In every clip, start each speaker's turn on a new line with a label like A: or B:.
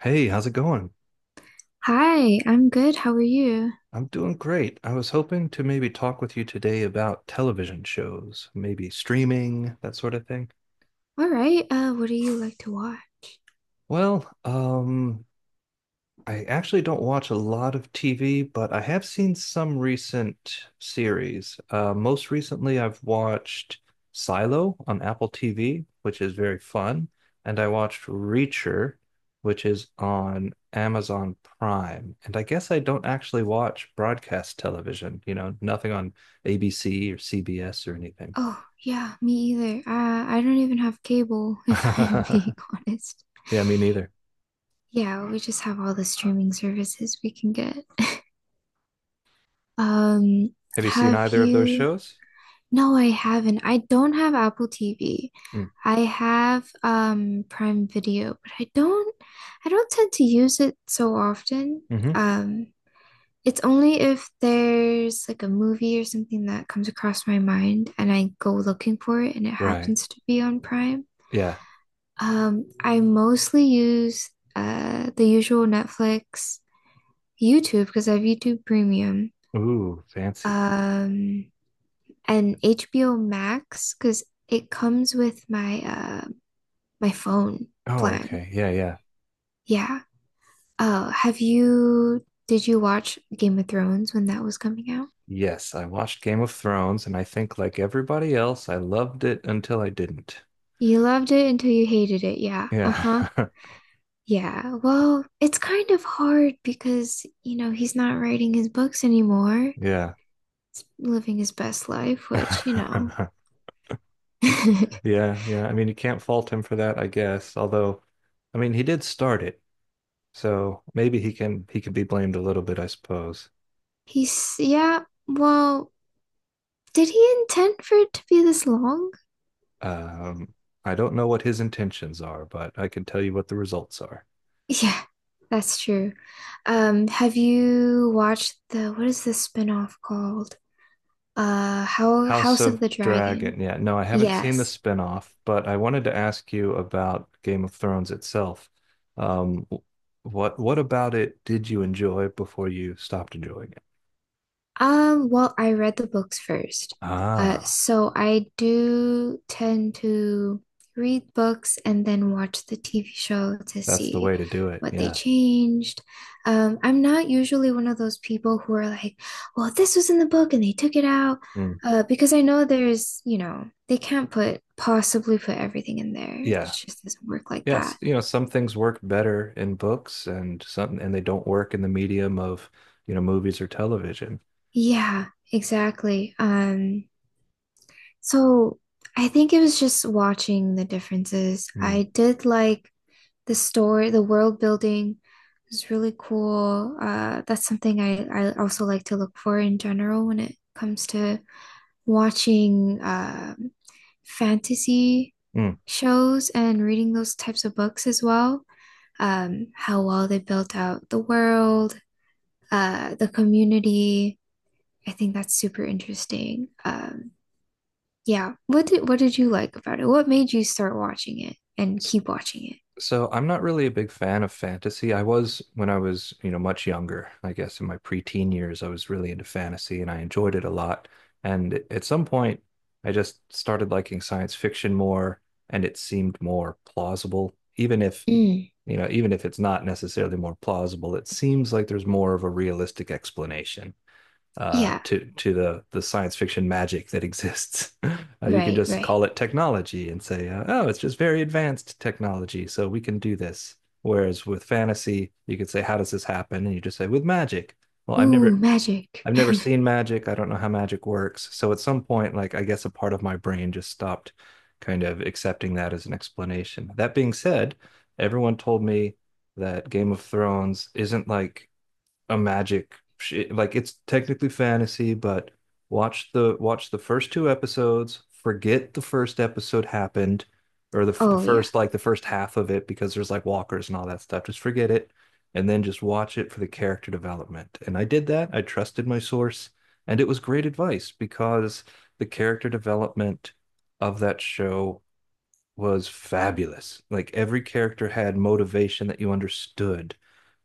A: Hey, how's it going?
B: Hi, I'm good. How are you?
A: I'm doing great. I was hoping to maybe talk with you today about television shows, maybe streaming, that sort of thing.
B: All right. What do you like to watch?
A: Well, um, I actually don't watch a lot of TV, but I have seen some recent series. Most recently, I've watched Silo on Apple TV, which is very fun, and I watched Reacher, which is on Amazon Prime. And I guess I don't actually watch broadcast television, you know, nothing on ABC or CBS or anything.
B: Oh, yeah, me either. I don't even have cable, if I'm being honest.
A: Yeah, me neither.
B: Yeah, we just have all the streaming services we can get. Um,
A: Have you seen
B: have
A: either of those
B: you?
A: shows?
B: No, I haven't. I don't have Apple TV.
A: Mm,
B: I have Prime Video, but I don't tend to use it so often.
A: hmm.
B: Um, It's only if there's like a movie or something that comes across my mind and I go looking for it and it
A: Right.
B: happens to be on Prime.
A: Yeah.
B: I mostly use the usual Netflix, YouTube because I have YouTube Premium,
A: Ooh, fancy.
B: um, and HBO Max because it comes with my my phone
A: Oh,
B: plan.
A: okay. Yeah, yeah.
B: Yeah. Oh, have you did you watch Game of Thrones when that was coming out?
A: Yes, I watched Game of Thrones, and I think, like everybody else, I loved it until I didn't.
B: You loved it until you hated it. Yeah.
A: Yeah.
B: Uh-huh. Yeah, well, it's kind of hard because, you know, he's not writing his books anymore,
A: Yeah.
B: living his best life, which, you know,
A: Yeah, yeah. I mean, you can't fault him for that, I guess. Although, I mean, he did start it, so maybe he can be blamed a little bit, I suppose.
B: he's, yeah, well, did he intend for it to be this long?
A: Um, I don't know what his intentions are, but I can tell you what the results are.
B: Yeah, that's true. Have you watched the, what is the spin-off called? How
A: House
B: House of
A: of
B: the Dragon.
A: Dragon. Yeah, no, I haven't seen the
B: Yes.
A: spin-off, but I wanted to ask you about Game of Thrones itself. Um, w- what about it did you enjoy before you stopped enjoying it?
B: Well, I read the books first.
A: Ah,
B: So I do tend to read books and then watch the TV show to
A: that's the
B: see
A: way to do it.
B: what they
A: Yeah.
B: changed. I'm not usually one of those people who are like, well, this was in the book and they took it out.
A: Mm.
B: Because I know there's, you know, they can't put possibly put everything in there. It
A: Yeah.
B: just doesn't work like
A: Yes,
B: that.
A: you know, some things work better in books and some and they don't work in the medium of, you know, movies or television.
B: Yeah, exactly. So I think it was just watching the differences.
A: Mm.
B: I did like the story, the world building was really cool. That's something I also like to look for in general when it comes to watching fantasy
A: Mm.
B: shows and reading those types of books as well. How well they built out the world, the community. I think that's super interesting. Yeah. What did you like about it? What made you start watching it and keep watching it?
A: So I'm not really a big fan of fantasy. I was when I was, you know, much younger. I guess in my preteen years, I was really into fantasy and I enjoyed it a lot. And at some point, I just started liking science fiction more and it seemed more plausible. Even if,
B: Mm.
A: you know, even if it's not necessarily more plausible, it seems like there's more of a realistic explanation
B: Yeah,
A: to the science fiction magic that exists. You can
B: right,
A: just
B: right.
A: call it technology and say, "Oh, it's just very advanced technology, so we can do this." Whereas with fantasy, you could say, "How does this happen?" And you just say, "With magic." Well, I've
B: Ooh,
A: never
B: magic.
A: I've never seen magic. I don't know how magic works. So at some point, like I guess a part of my brain just stopped kind of accepting that as an explanation. That being said, everyone told me that Game of Thrones isn't like a like it's technically fantasy, but watch the first two episodes, forget the first episode happened or
B: Oh yeah.
A: the first half of it because there's like walkers and all that stuff. Just forget it and then just watch it for the character development. And I did that. I trusted my source and it was great advice because the character development of that show was fabulous. Like every character had motivation that you understood.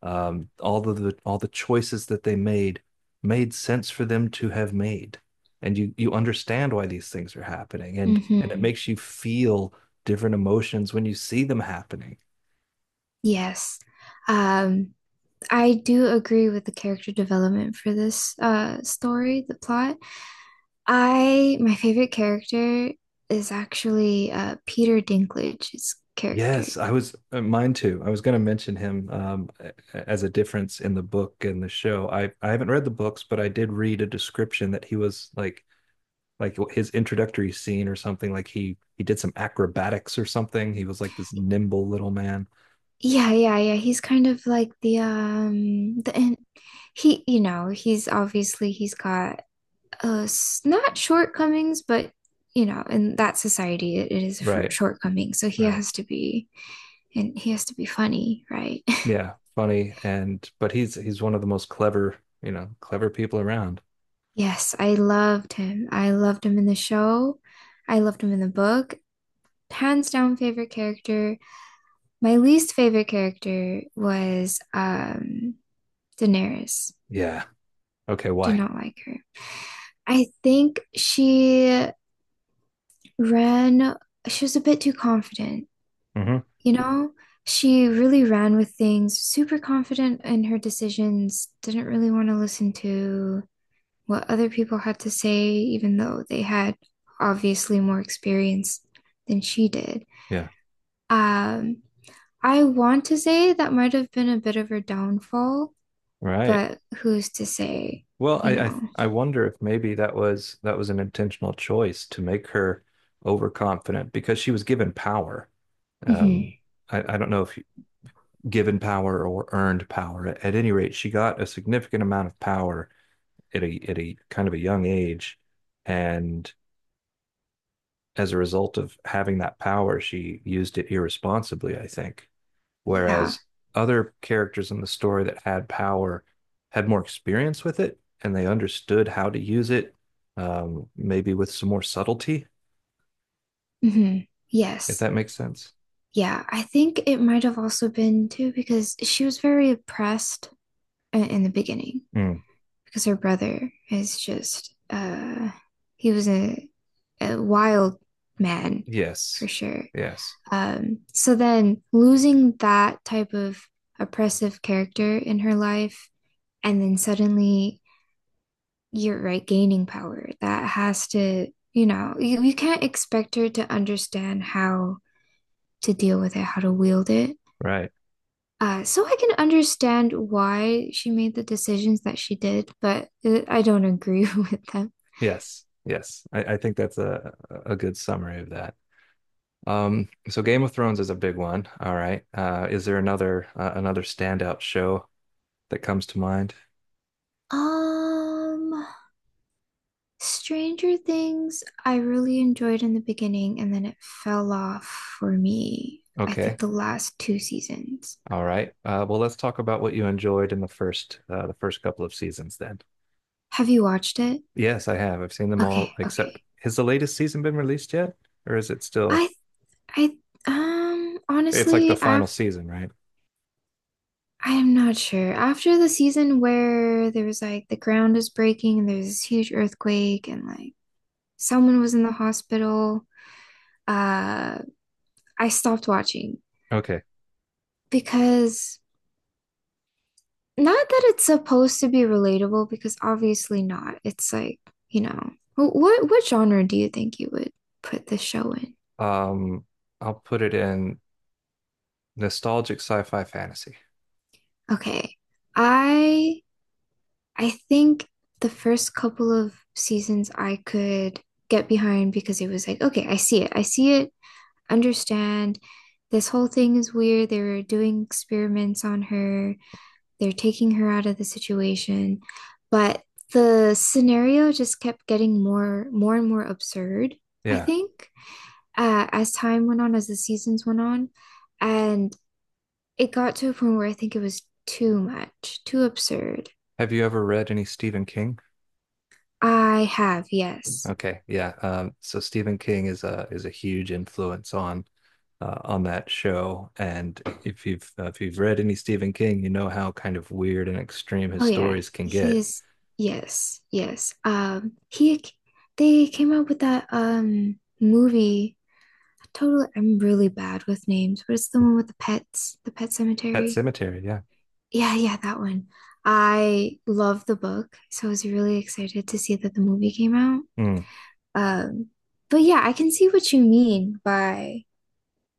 A: All the choices that they made made sense for them to have made. And you understand why these things are happening and it
B: Mm-hmm.
A: makes you feel different emotions when you see them happening.
B: Yes. Um, I do agree with the character development for this story, the plot. I My favorite character is actually Peter Dinklage's character.
A: Yes, I was mine too. I was going to mention him as a difference in the book and the show. I haven't read the books, but I did read a description that he was like his introductory scene or something like he did some acrobatics or something he was like this nimble little man.
B: Yeah, yeah, yeah. He's kind of like the and he you know, he's obviously he's got not shortcomings, but you know, in that society it is a
A: Right,
B: shortcoming. So
A: right.
B: he has to be funny, right?
A: Yeah, funny, and but he's one of the most clever, you know, clever people around.
B: Yes, I loved him. I loved him in the show. I loved him in the book. Hands down favorite character. My least favorite character was Daenerys.
A: Yeah, okay,
B: Did
A: why?
B: not like her. I think ran, she was a bit too confident,
A: Hmm.
B: you know? She really ran with things, super confident in her decisions, didn't really want to listen to what other people had to say, even though they had obviously more experience than she did. Um, I want to say that might have been a bit of her downfall,
A: Right.
B: but who's to say,
A: well
B: you
A: I, I
B: know?
A: I wonder if maybe that was an intentional choice to make her overconfident because she was given power. um
B: Mm-hmm.
A: i, I don't know if given power or earned power at any rate she got a significant amount of power at a kind of a young age, and as a result of having that power, she used it irresponsibly, I think.
B: Yeah.
A: Whereas other characters in the story that had power had more experience with it and they understood how to use it, maybe with some more subtlety,
B: Hmm.
A: if
B: Yes.
A: that makes sense.
B: Yeah. I think it might have also been too because she was very oppressed in the beginning
A: Mm.
B: because her brother is just he was a wild man for
A: Yes.
B: sure.
A: Yes.
B: So then losing that type of oppressive character in her life, and then suddenly you're right, gaining power. That has to, you know, you can't expect her to understand how to deal with it, how to wield it.
A: Right.
B: So I can understand why she made the decisions that she did, but I don't agree with them.
A: Yes. Yes. I think that's a good summary of that. So Game of Thrones is a big one. All right. Is there another another standout show that comes to mind?
B: Um, Stranger Things, I really enjoyed in the beginning and then it fell off for me. I
A: Okay.
B: think the last two seasons.
A: All right. Well, let's talk about what you enjoyed in the first couple of seasons then.
B: Have you watched it?
A: Yes, I have. I've seen them
B: Okay,
A: all except
B: okay.
A: has the latest season been released yet? Or is it still
B: I I
A: it's like the
B: honestly,
A: final
B: after
A: season, right?
B: I am not sure. After the season where there was like the ground is breaking and there's this huge earthquake and like someone was in the hospital, uh I stopped watching
A: Okay.
B: because not that it's supposed to be relatable because obviously not. It's like, you know, what genre do you think you would put this show in?
A: Um, I'll put it in nostalgic sci-fi fantasy.
B: Okay. I I think the first couple of seasons I could get behind because it was like, okay, I see it. I see it. Understand. This whole thing is weird. They were doing experiments on her. They're taking her out of the situation, but the scenario just kept getting more and more absurd, I
A: Yeah.
B: think, as time went on, as the seasons went on, and it got to a point where I think it was too much, too absurd.
A: Have you ever read any Stephen King?
B: I have, yes.
A: Okay, yeah. So Stephen King is a huge influence on that show, and if you've read any Stephen King, you know how kind of weird and extreme his
B: Oh yeah,
A: stories can
B: he
A: get.
B: is yes, yes. He They came out with that movie. Totally, I'm really bad with names, but it's the one with the pets, the pet
A: Pet
B: cemetery.
A: Cemetery, yeah.
B: Yeah, yeah, that one. I love the book, so I was really excited to see that the movie came out.
A: Mm,
B: Um, but yeah, I can see what you mean by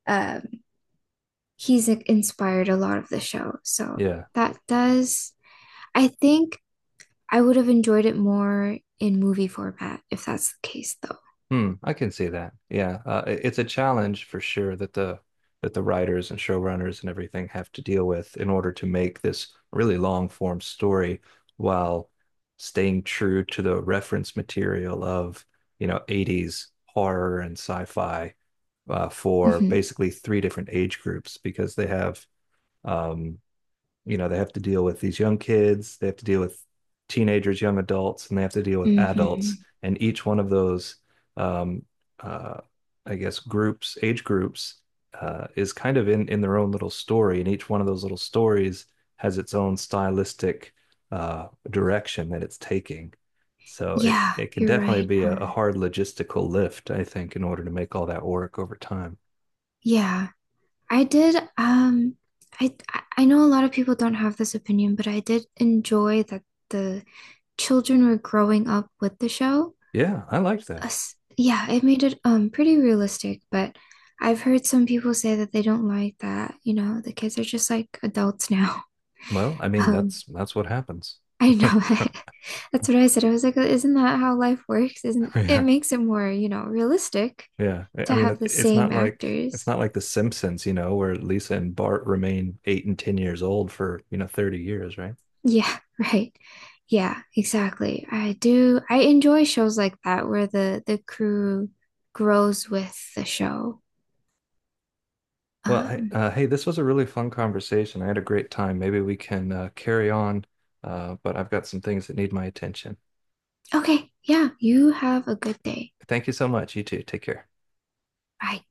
B: um he's like, inspired a lot of the show. So
A: yeah.
B: that does, I think I would have enjoyed it more in movie format if that's the case, though.
A: Hmm, I can see that. Yeah, it's a challenge for sure that the writers and showrunners and everything have to deal with in order to make this really long form story while staying true to the reference material of, you know, 80s horror and sci-fi for
B: Hmm.
A: basically three different age groups because they have um, you know, they have to deal with these young kids, they have to deal with teenagers, young adults, and they have to deal with adults.
B: Hmm.
A: And each one of those, um, uh, I guess, groups, age groups, is kind of in their own little story, and each one of those little stories has its own stylistic direction that it's taking. So
B: Yeah,
A: it can
B: you're
A: definitely
B: right.
A: be a
B: Huh.
A: hard logistical lift, I think, in order to make all that work over time.
B: Yeah. I did I know a lot of people don't have this opinion, but I did enjoy that the children were growing up with the show.
A: Yeah, I like that.
B: Us, yeah, it made it pretty realistic, but I've heard some people say that they don't like that, you know, the kids are just like adults now.
A: Well, I mean,
B: Um
A: that's what happens.
B: I know That's what I said. I was like, isn't that how life works? Isn't it
A: Yeah.
B: makes it more, you know, realistic
A: Yeah, I
B: to
A: mean,
B: have the same
A: it's
B: actors?
A: not like The Simpsons, you know, where Lisa and Bart remain 8 and 10 years old for, you know, 30 years, right?
B: Yeah, right. Yeah, exactly. I do. I enjoy shows like that where the crew grows with the show.
A: Well, hey,
B: Um,
A: hey, this was a really fun conversation. I had a great time. Maybe we can carry on, but I've got some things that need my attention.
B: okay, yeah, you have a good day.
A: Thank you so much. You too. Take care.
B: Bye.